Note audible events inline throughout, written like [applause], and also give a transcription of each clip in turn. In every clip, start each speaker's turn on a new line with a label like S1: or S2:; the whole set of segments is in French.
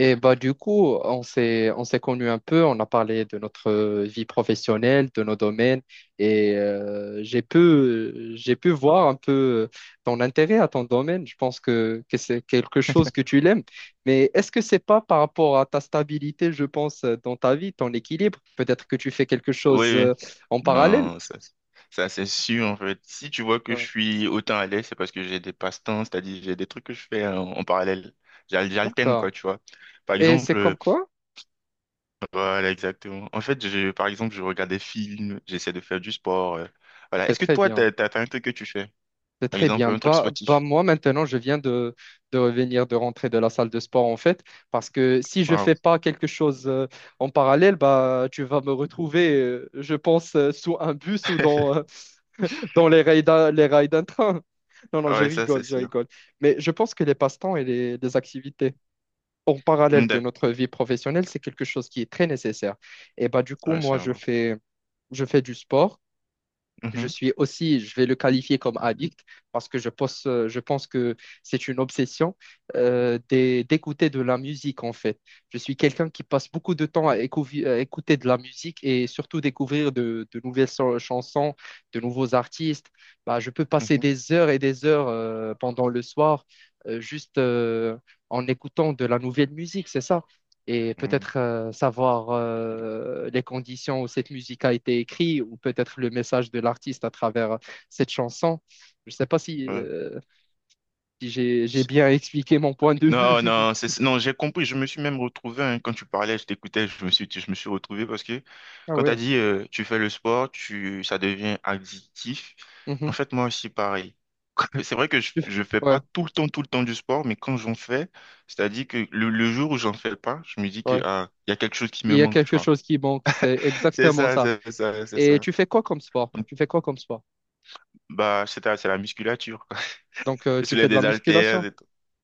S1: Et bah du coup, on s'est connus un peu, on a parlé de notre vie professionnelle, de nos domaines, et j'ai pu voir un peu ton intérêt à ton domaine. Je pense que c'est quelque chose que tu l'aimes. Mais est-ce que c'est pas par rapport à ta stabilité, je pense, dans ta vie, ton équilibre? Peut-être que tu fais quelque
S2: Oui,
S1: chose
S2: oui.
S1: en parallèle.
S2: Non, ça, c'est sûr, en fait. Si tu vois que je
S1: Ouais.
S2: suis autant à l'aise, c'est parce que j'ai des passe-temps, c'est-à-dire j'ai des trucs que je fais en parallèle. J'alterne,
S1: D'accord.
S2: quoi, tu vois. Par
S1: Et c'est
S2: exemple,
S1: comme quoi?
S2: voilà, exactement. En fait, je, par exemple, je regarde des films, j'essaie de faire du sport. Voilà.
S1: C'est
S2: Est-ce que
S1: très
S2: toi,
S1: bien.
S2: t'as un truc que tu fais?
S1: C'est
S2: Par
S1: très
S2: exemple,
S1: bien.
S2: un truc
S1: Bah, bah,
S2: sportif.
S1: moi, maintenant, de revenir, de rentrer de la salle de sport, en fait, parce que si je
S2: Waouh.
S1: fais pas quelque chose en parallèle, bah, tu vas me retrouver, je pense, sous un bus ou dans,
S2: [laughs]
S1: euh, dans les rails d'un train. [laughs] Non, non,
S2: Ah
S1: je
S2: ouais, ça, c'est
S1: rigole, je
S2: sûr.
S1: rigole. Mais je pense que les passe-temps et les activités en
S2: Mm,
S1: parallèle de
S2: d'accord.
S1: notre vie professionnelle, c'est quelque chose qui est très nécessaire. Et bah, du coup,
S2: Ouais,
S1: moi,
S2: sûrement.
S1: je fais du sport. Je
S2: Mhm,
S1: suis aussi, je vais le qualifier comme addict parce que je pense que c'est une obsession d'écouter de la musique en fait. Je suis quelqu'un qui passe beaucoup de temps à écouter de la musique et surtout découvrir de nouvelles chansons, de nouveaux artistes. Bah, je peux passer
S2: mhm,
S1: des heures et des heures pendant le soir, juste en écoutant de la nouvelle musique, c'est ça, et
S2: mm,
S1: peut-être savoir les conditions où cette musique a été écrite ou peut-être le message de l'artiste à travers cette chanson. Je ne sais pas si,
S2: ouais.
S1: euh, si j'ai bien expliqué mon point de vue.
S2: Non, non,
S1: [laughs]
S2: c'est, non, j'ai compris. Je me suis même retrouvé hein, quand tu parlais, je t'écoutais, je me suis retrouvé parce que
S1: Ah
S2: quand tu as
S1: ouais.
S2: dit tu fais le sport, tu, ça devient addictif. En
S1: Mhm.
S2: fait, moi aussi, pareil. [laughs] C'est vrai que
S1: Tu fais-
S2: je fais
S1: Ouais,
S2: pas tout le temps du sport, mais quand j'en fais, c'est-à-dire que le jour où j'en fais pas, je me dis que
S1: ouais.
S2: ah, il y a quelque chose qui
S1: Il
S2: me
S1: y a
S2: manque, tu
S1: quelque
S2: vois.
S1: chose qui manque, c'est
S2: [laughs]
S1: exactement ça.
S2: C'est
S1: Et
S2: ça.
S1: tu fais quoi comme sport?
S2: Donc,
S1: Tu fais quoi comme sport?
S2: bah, c'est ça, c'est la musculature. Quoi. [laughs]
S1: Donc,
S2: Je
S1: tu fais
S2: soulève
S1: de la
S2: des haltères,
S1: musculation?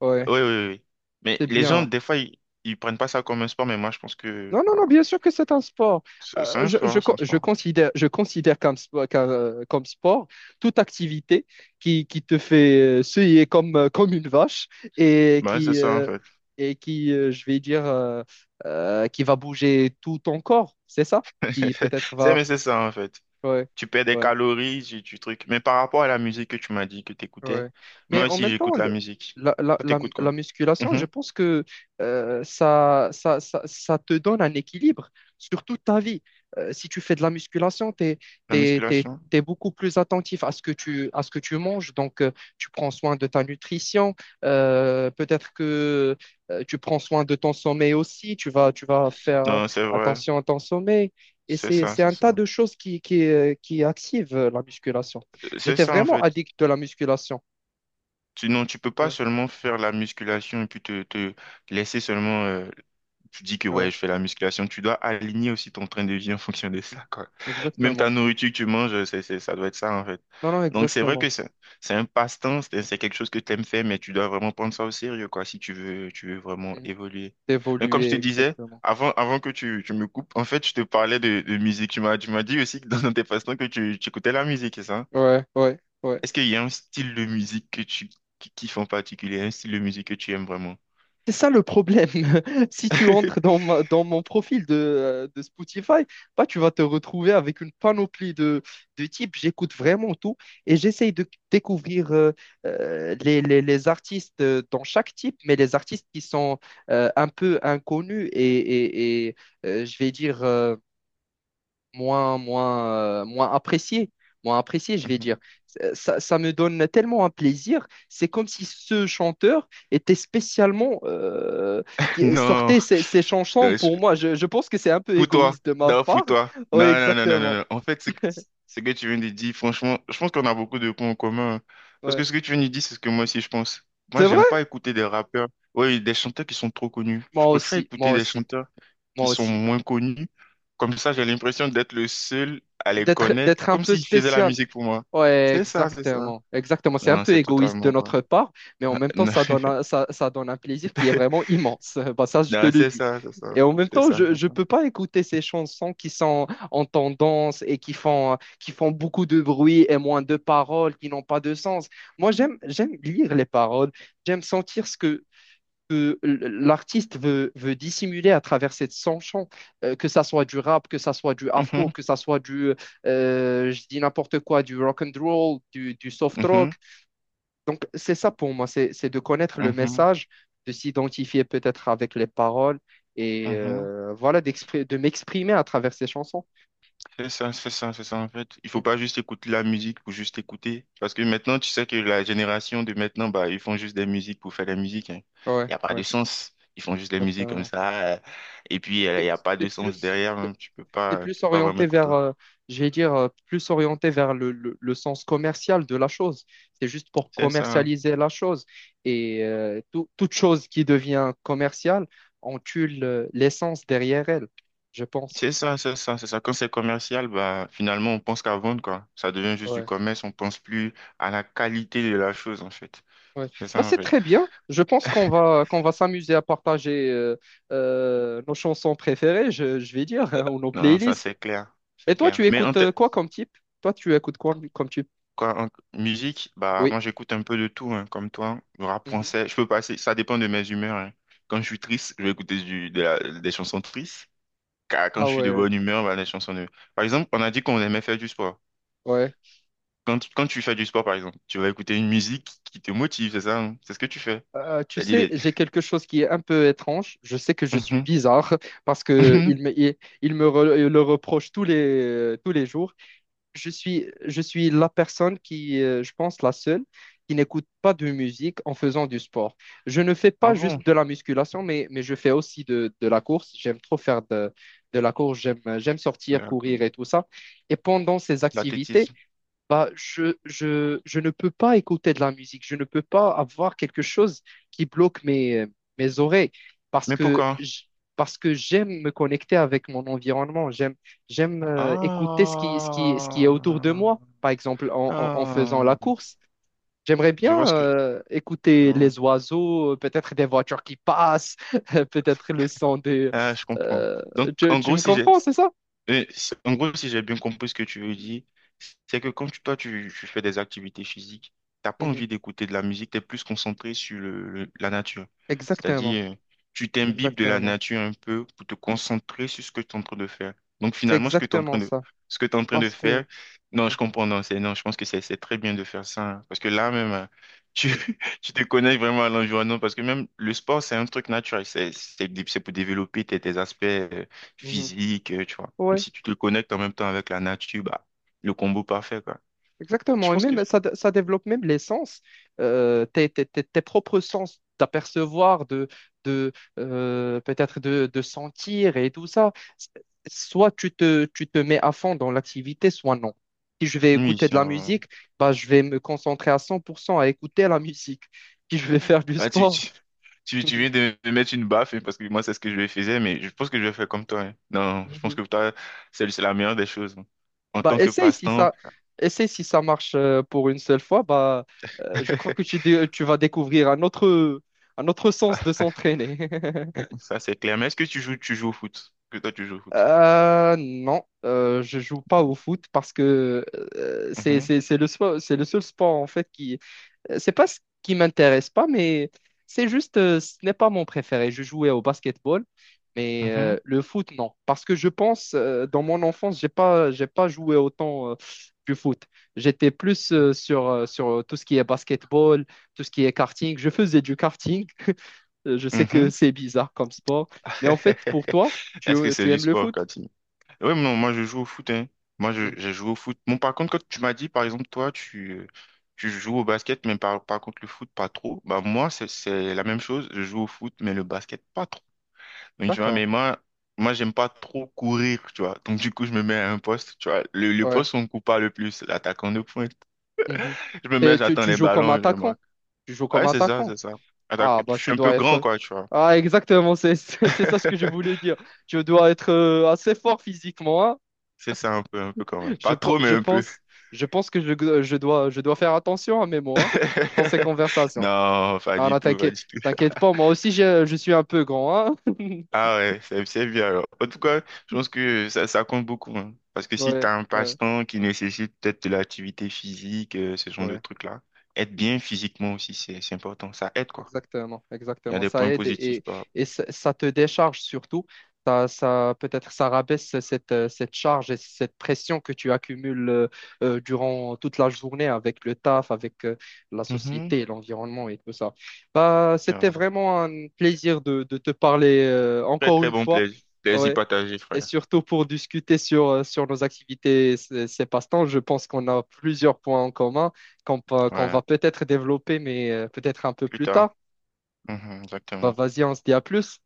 S1: Ouais,
S2: oui. Mais
S1: c'est
S2: les gens,
S1: bien.
S2: des fois, ils prennent pas ça comme un sport, mais moi, je pense que
S1: Non, non,
S2: bah,
S1: non, bien sûr que c'est un sport.
S2: c'est un sport, c'est un sport.
S1: Je considère comme sport toute activité qui te fait suer comme, comme une vache, et
S2: Bah, c'est ça, en fait.
S1: et qui je vais dire, qui va bouger tout ton corps, c'est ça? Qui
S2: [laughs]
S1: peut-être va.
S2: Mais c'est ça, en fait.
S1: Ouais,
S2: Tu perds des
S1: ouais.
S2: calories, tu trucs. Mais par rapport à la musique que tu m'as dit que tu écoutais,
S1: Ouais. Mais
S2: moi
S1: en
S2: aussi,
S1: même temps,
S2: j'écoute la musique. Toi, t'écoutes quoi?
S1: la musculation, je
S2: Mhm.
S1: pense que ça te donne un équilibre sur toute ta vie. Si tu fais de la musculation, tu es,
S2: La
S1: t'es, t'es- t'es-
S2: musculation?
S1: t'es beaucoup plus attentif à ce à ce que tu manges. Donc, tu prends soin de ta nutrition. Peut-être que tu prends soin de ton sommeil aussi. Tu vas faire
S2: Non, c'est vrai.
S1: attention à ton sommeil. Et
S2: C'est ça,
S1: c'est
S2: c'est
S1: un tas
S2: ça.
S1: de choses qui activent la musculation.
S2: C'est
S1: J'étais
S2: ça, en
S1: vraiment
S2: fait.
S1: addict de la musculation.
S2: Tu, non, tu peux pas
S1: Ouais,
S2: seulement faire la musculation et puis te laisser seulement... tu dis que
S1: ouais.
S2: ouais, je fais la musculation. Tu dois aligner aussi ton train de vie en [laughs] fonction de ça, quoi. Même
S1: Exactement.
S2: ta nourriture que tu manges, ça doit être ça, en fait.
S1: Non, non,
S2: Donc, c'est vrai
S1: exactement.
S2: que c'est un passe-temps, c'est quelque chose que tu aimes faire, mais tu dois vraiment prendre ça au sérieux, quoi, si tu veux vraiment
S1: Mhm.
S2: évoluer. Mais comme je te
S1: D'évoluer,
S2: disais,
S1: exactement.
S2: avant que tu me coupes, en fait, je te parlais de musique. Tu m'as dit aussi que dans tes passe-temps que tu écoutais la musique, c'est ça?
S1: Ouais, ouais, ouais.
S2: Est-ce qu'il y a un style de musique que tu qui kiffes en particulier, un style de musique que tu aimes vraiment?
S1: C'est ça le problème. [laughs] Si tu entres
S2: [laughs]
S1: dans dans mon profil de Spotify, bah, tu vas te retrouver avec une panoplie de types. J'écoute vraiment tout et j'essaye de découvrir les artistes dans chaque type, mais les artistes qui sont un peu inconnus et, je vais dire moins, moins, euh, moins apprécié, moins apprécié, je vais dire. Ça me donne tellement un plaisir. C'est comme si ce chanteur était spécialement qui
S2: Non, non,
S1: sortait ses chansons pour
S2: je-
S1: moi. Je pense que c'est un peu
S2: pour toi,
S1: égoïste de ma
S2: non, pour
S1: part.
S2: toi.
S1: Oui, exactement.
S2: Non. En fait, ce que tu viens de dire, franchement, je pense qu'on a beaucoup de points en commun. Hein. Parce
S1: Ouais.
S2: que ce que tu viens de dire, c'est ce que moi aussi je pense. Moi,
S1: C'est vrai?
S2: j'aime pas écouter des rappeurs, oui, des chanteurs qui sont trop connus. Je
S1: Moi
S2: préfère
S1: aussi, moi
S2: écouter des
S1: aussi,
S2: chanteurs.
S1: moi
S2: Qui sont
S1: aussi.
S2: moins connues. Comme ça, j'ai l'impression d'être le seul à les connaître,
S1: D'être un
S2: comme
S1: peu
S2: s'ils faisaient la
S1: spécial.
S2: musique pour moi.
S1: Ouais,
S2: C'est ça, c'est ça.
S1: exactement, exactement. C'est un
S2: Non,
S1: peu
S2: c'est
S1: égoïste de
S2: totalement vrai.
S1: notre part, mais en même temps,
S2: Non,
S1: ça donne un plaisir qui est
S2: [laughs]
S1: vraiment immense. [laughs] Bah, ça, je te
S2: non,
S1: le
S2: c'est
S1: dis.
S2: ça, c'est ça.
S1: Et en même
S2: C'est
S1: temps,
S2: ça,
S1: je
S2: c'est
S1: ne
S2: ça.
S1: peux pas écouter ces chansons qui sont en tendance et qui font beaucoup de bruit et moins de paroles, qui n'ont pas de sens. Moi, j'aime lire les paroles, j'aime sentir ce que l'artiste veut dissimuler à travers cette chanson, que ça soit du rap, que ça soit du afro,
S2: Mhm,
S1: que ça soit du, je dis n'importe quoi, du rock and roll, du soft
S2: mhm,
S1: rock. Donc, c'est ça pour moi, c'est de connaître le
S2: mhm,
S1: message, de s'identifier peut-être avec les paroles et
S2: mhm.
S1: voilà, de m'exprimer à travers ces chansons.
S2: C'est ça, en fait. Il
S1: Mm.
S2: faut pas juste écouter la musique pour juste écouter. Parce que maintenant, tu sais que la génération de maintenant, bah, ils font juste des musiques pour faire des musiques, hein.
S1: Ouais,
S2: Il n'y a pas de
S1: ouais,
S2: sens. Ils font juste des musiques comme
S1: exactement.
S2: ça. Et puis, il
S1: C'est
S2: n'y a pas de
S1: c'est
S2: sens
S1: plus.
S2: derrière, même.
S1: C'est
S2: Tu
S1: plus
S2: peux pas vraiment
S1: orienté vers,
S2: écouter.
S1: je vais dire, plus orienté vers le sens commercial de la chose. C'est juste pour
S2: C'est ça.
S1: commercialiser la chose. Et toute chose qui devient commerciale, on tue l'essence derrière elle, je pense.
S2: C'est ça. Quand c'est commercial, bah, finalement, on pense qu'à vendre, quoi. Ça devient juste du
S1: Ouais,
S2: commerce, on pense plus à la qualité de la chose, en fait.
S1: ouais.
S2: C'est
S1: Bah,
S2: ça, en
S1: c'est
S2: fait.
S1: très bien. Je pense
S2: [laughs]
S1: qu'on va s'amuser à partager nos chansons préférées, je vais dire, hein, ou nos
S2: Non, ça,
S1: playlists.
S2: c'est clair. C'est
S1: Et toi,
S2: clair.
S1: tu
S2: Mais
S1: écoutes quoi comme type? Toi, tu écoutes quoi comme type?
S2: quoi, en musique, bah,
S1: Oui.
S2: moi, j'écoute un peu de tout, hein, comme toi. Le rap
S1: Mhm.
S2: français, je peux passer, ça dépend de mes humeurs, hein. Quand je suis triste, je vais écouter des chansons tristes. Car quand
S1: Ah
S2: je suis de
S1: ouais,
S2: bonne humeur, bah, des chansons de... Par exemple, on a dit qu'on aimait faire du sport.
S1: ouais.
S2: Quand tu fais du sport, par exemple, tu vas écouter une musique qui te motive, c'est ça, hein. C'est ce que tu fais.
S1: Tu
S2: C'est dit
S1: sais,
S2: les...
S1: j'ai quelque chose qui est un peu étrange. Je sais que je suis
S2: Mhm,
S1: bizarre [laughs] parce que
S2: mhm.
S1: il me re- le reproche tous les jours. Je suis la personne qui, je pense, la seule qui n'écoute pas de musique en faisant du sport. Je ne fais
S2: Ah
S1: pas
S2: bon?
S1: juste de la musculation, mais je fais aussi de la course. J'aime trop faire de la course. J'aime sortir, courir
S2: D'accord.
S1: et tout ça. Et pendant ces activités,
S2: L'athlétisme.
S1: bah, je ne peux pas écouter de la musique, je ne peux pas avoir quelque chose qui bloque mes oreilles parce
S2: Mais
S1: que
S2: pourquoi?
S1: parce que j'aime me connecter avec mon environnement, j'aime écouter ce qui est autour de
S2: Ah,
S1: moi. Par exemple, en faisant la
S2: ah.
S1: course, j'aimerais
S2: Je vois
S1: bien
S2: ce que... Je
S1: écouter
S2: vois.
S1: les oiseaux, peut-être des voitures qui passent, [laughs] peut-être le son des...
S2: Ah, je comprends.
S1: euh,
S2: Donc, en
S1: tu
S2: gros,
S1: me
S2: si j'ai...
S1: comprends, c'est ça?
S2: En gros, si j'ai bien compris ce que tu veux dire, c'est que toi, tu fais des activités physiques, t'as pas
S1: Mhm.
S2: envie d'écouter de la musique, tu es plus concentré sur la nature.
S1: Exactement,
S2: C'est-à-dire, tu t'imbibes de la
S1: exactement.
S2: nature un peu pour te concentrer sur ce que tu es en train de faire. Donc
S1: C'est
S2: finalement,
S1: exactement ça.
S2: ce que tu en train de
S1: Parce que...
S2: faire, non, je comprends, non, c'est, non, je pense que c'est très bien de faire ça. Hein, parce que là même, hein, tu, [laughs] tu te connais vraiment à l'environnement, parce que même le sport, c'est un truc naturel, c'est pour développer tes aspects
S1: Mhm.
S2: physiques, tu vois. Donc,
S1: Ouais,
S2: si tu te connectes en même temps avec la nature, bah, le combo parfait, quoi. Je
S1: exactement. Et
S2: pense que
S1: même, ça développe même les sens, tes propres sens d'apercevoir, de peut-être de sentir et tout ça. Soit tu te mets à fond dans l'activité, soit non. Si je vais
S2: oui,
S1: écouter de
S2: c'est
S1: la
S2: un-
S1: musique, bah, je vais me concentrer à 100% à écouter la [laughs] musique. Si je vais faire du
S2: Ah,
S1: sport.
S2: tu viens de me mettre une baffe, hein, parce que moi, c'est ce que je faisais, mais je pense que je vais faire comme toi. Hein. Non, je pense
S1: [laughs]
S2: que toi, c'est la meilleure des choses. Hein. En
S1: Bah,
S2: tant que passe-temps,
S1: essaye si ça marche pour une seule fois. Bah, je crois que
S2: [laughs]
S1: tu vas découvrir un autre sens de s'entraîner. [laughs]
S2: ça, c'est clair. Mais est-ce que tu joues au foot? Que toi, tu joues au foot?
S1: Non, je joue pas au foot parce que
S2: Mhm,
S1: c'est le sport, c'est le seul sport en fait qui... C'est pas ce qui m'intéresse pas, mais c'est juste, ce n'est pas mon préféré. Je jouais au basketball, mais le foot, non. Parce que je pense, dans mon enfance, j'ai pas joué autant du foot. J'étais plus sur tout ce qui est basketball, tout ce qui est karting. Je faisais du karting. [laughs] Je
S2: mhm,
S1: sais que
S2: mhm.
S1: c'est bizarre comme sport, mais en fait, pour toi,
S2: [laughs] Est-ce que c'est
S1: tu
S2: du
S1: aimes le
S2: sport,
S1: foot?
S2: quand oui, non, moi je joue au foot, hein. Moi je,
S1: Hmm,
S2: j'ai joué au foot. Bon, par contre, quand tu m'as dit, par exemple, toi, tu joues au basket, mais par contre le foot, pas trop. Bah moi, c'est la même chose. Je joue au foot, mais le basket, pas trop. Donc, tu vois,
S1: d'accord,
S2: mais moi, moi, j'aime pas trop courir, tu vois. Donc du coup, je me mets à un poste, tu vois. Le
S1: ouais.
S2: poste où on coupe pas le plus, l'attaquant de pointe.
S1: Mhm.
S2: [laughs] Je me mets,
S1: Et
S2: j'attends
S1: tu
S2: les
S1: joues comme
S2: ballons et je
S1: attaquant.
S2: marque.
S1: Tu joues
S2: Ah
S1: comme
S2: ouais, c'est ça,
S1: attaquant.
S2: c'est ça. Attaque-
S1: Ah,
S2: et puis,
S1: bah,
S2: je
S1: tu
S2: suis un peu
S1: dois
S2: grand,
S1: être.
S2: quoi, tu vois.
S1: Ah, exactement, c'est ça ce que je voulais
S2: [laughs]
S1: dire. Je dois être assez fort physiquement, hein.
S2: C'est ça un peu quand même.
S1: Je,
S2: Pas
S1: pe-
S2: trop, mais
S1: je
S2: un peu.
S1: pense, je pense que je dois faire attention à mes mots, hein,
S2: [laughs]
S1: dans ces conversations.
S2: Non, pas
S1: Ah,
S2: du
S1: non,
S2: tout, pas du tout.
S1: t'inquiète pas, moi aussi, je suis un peu grand, hein. [laughs]
S2: Ah ouais, c'est bien alors. En tout cas, je pense que ça compte beaucoup. Hein. Parce que si tu
S1: Ouais,
S2: as un
S1: ouais,
S2: passe-temps qui nécessite peut-être de l'activité physique, ce genre de
S1: ouais.
S2: trucs-là, être bien physiquement aussi, c'est important. Ça aide, quoi.
S1: Exactement,
S2: Il y a
S1: exactement.
S2: des
S1: Ça
S2: points
S1: aide
S2: positifs, quoi.
S1: ça te décharge surtout. Ça, peut-être ça rabaisse cette charge et cette pression que tu accumules durant toute la journée avec le taf, avec la
S2: Mhm.
S1: société, l'environnement et tout ça. Bah,
S2: C'est
S1: c'était
S2: un
S1: vraiment un plaisir de te parler
S2: très,
S1: encore
S2: très
S1: une
S2: bon
S1: fois.
S2: plaisir. Plaisir
S1: Ouais.
S2: partagé,
S1: Et
S2: frère.
S1: surtout pour discuter sur nos activités, et ces passe-temps, je pense qu'on a plusieurs points en commun qu'on
S2: Ouais,
S1: va peut-être développer, mais peut-être un peu
S2: plus
S1: plus
S2: tard.
S1: tard.
S2: Mhm,
S1: Bah
S2: exactement.
S1: vas-y, on se dit à plus.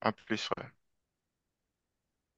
S2: À plus, frère.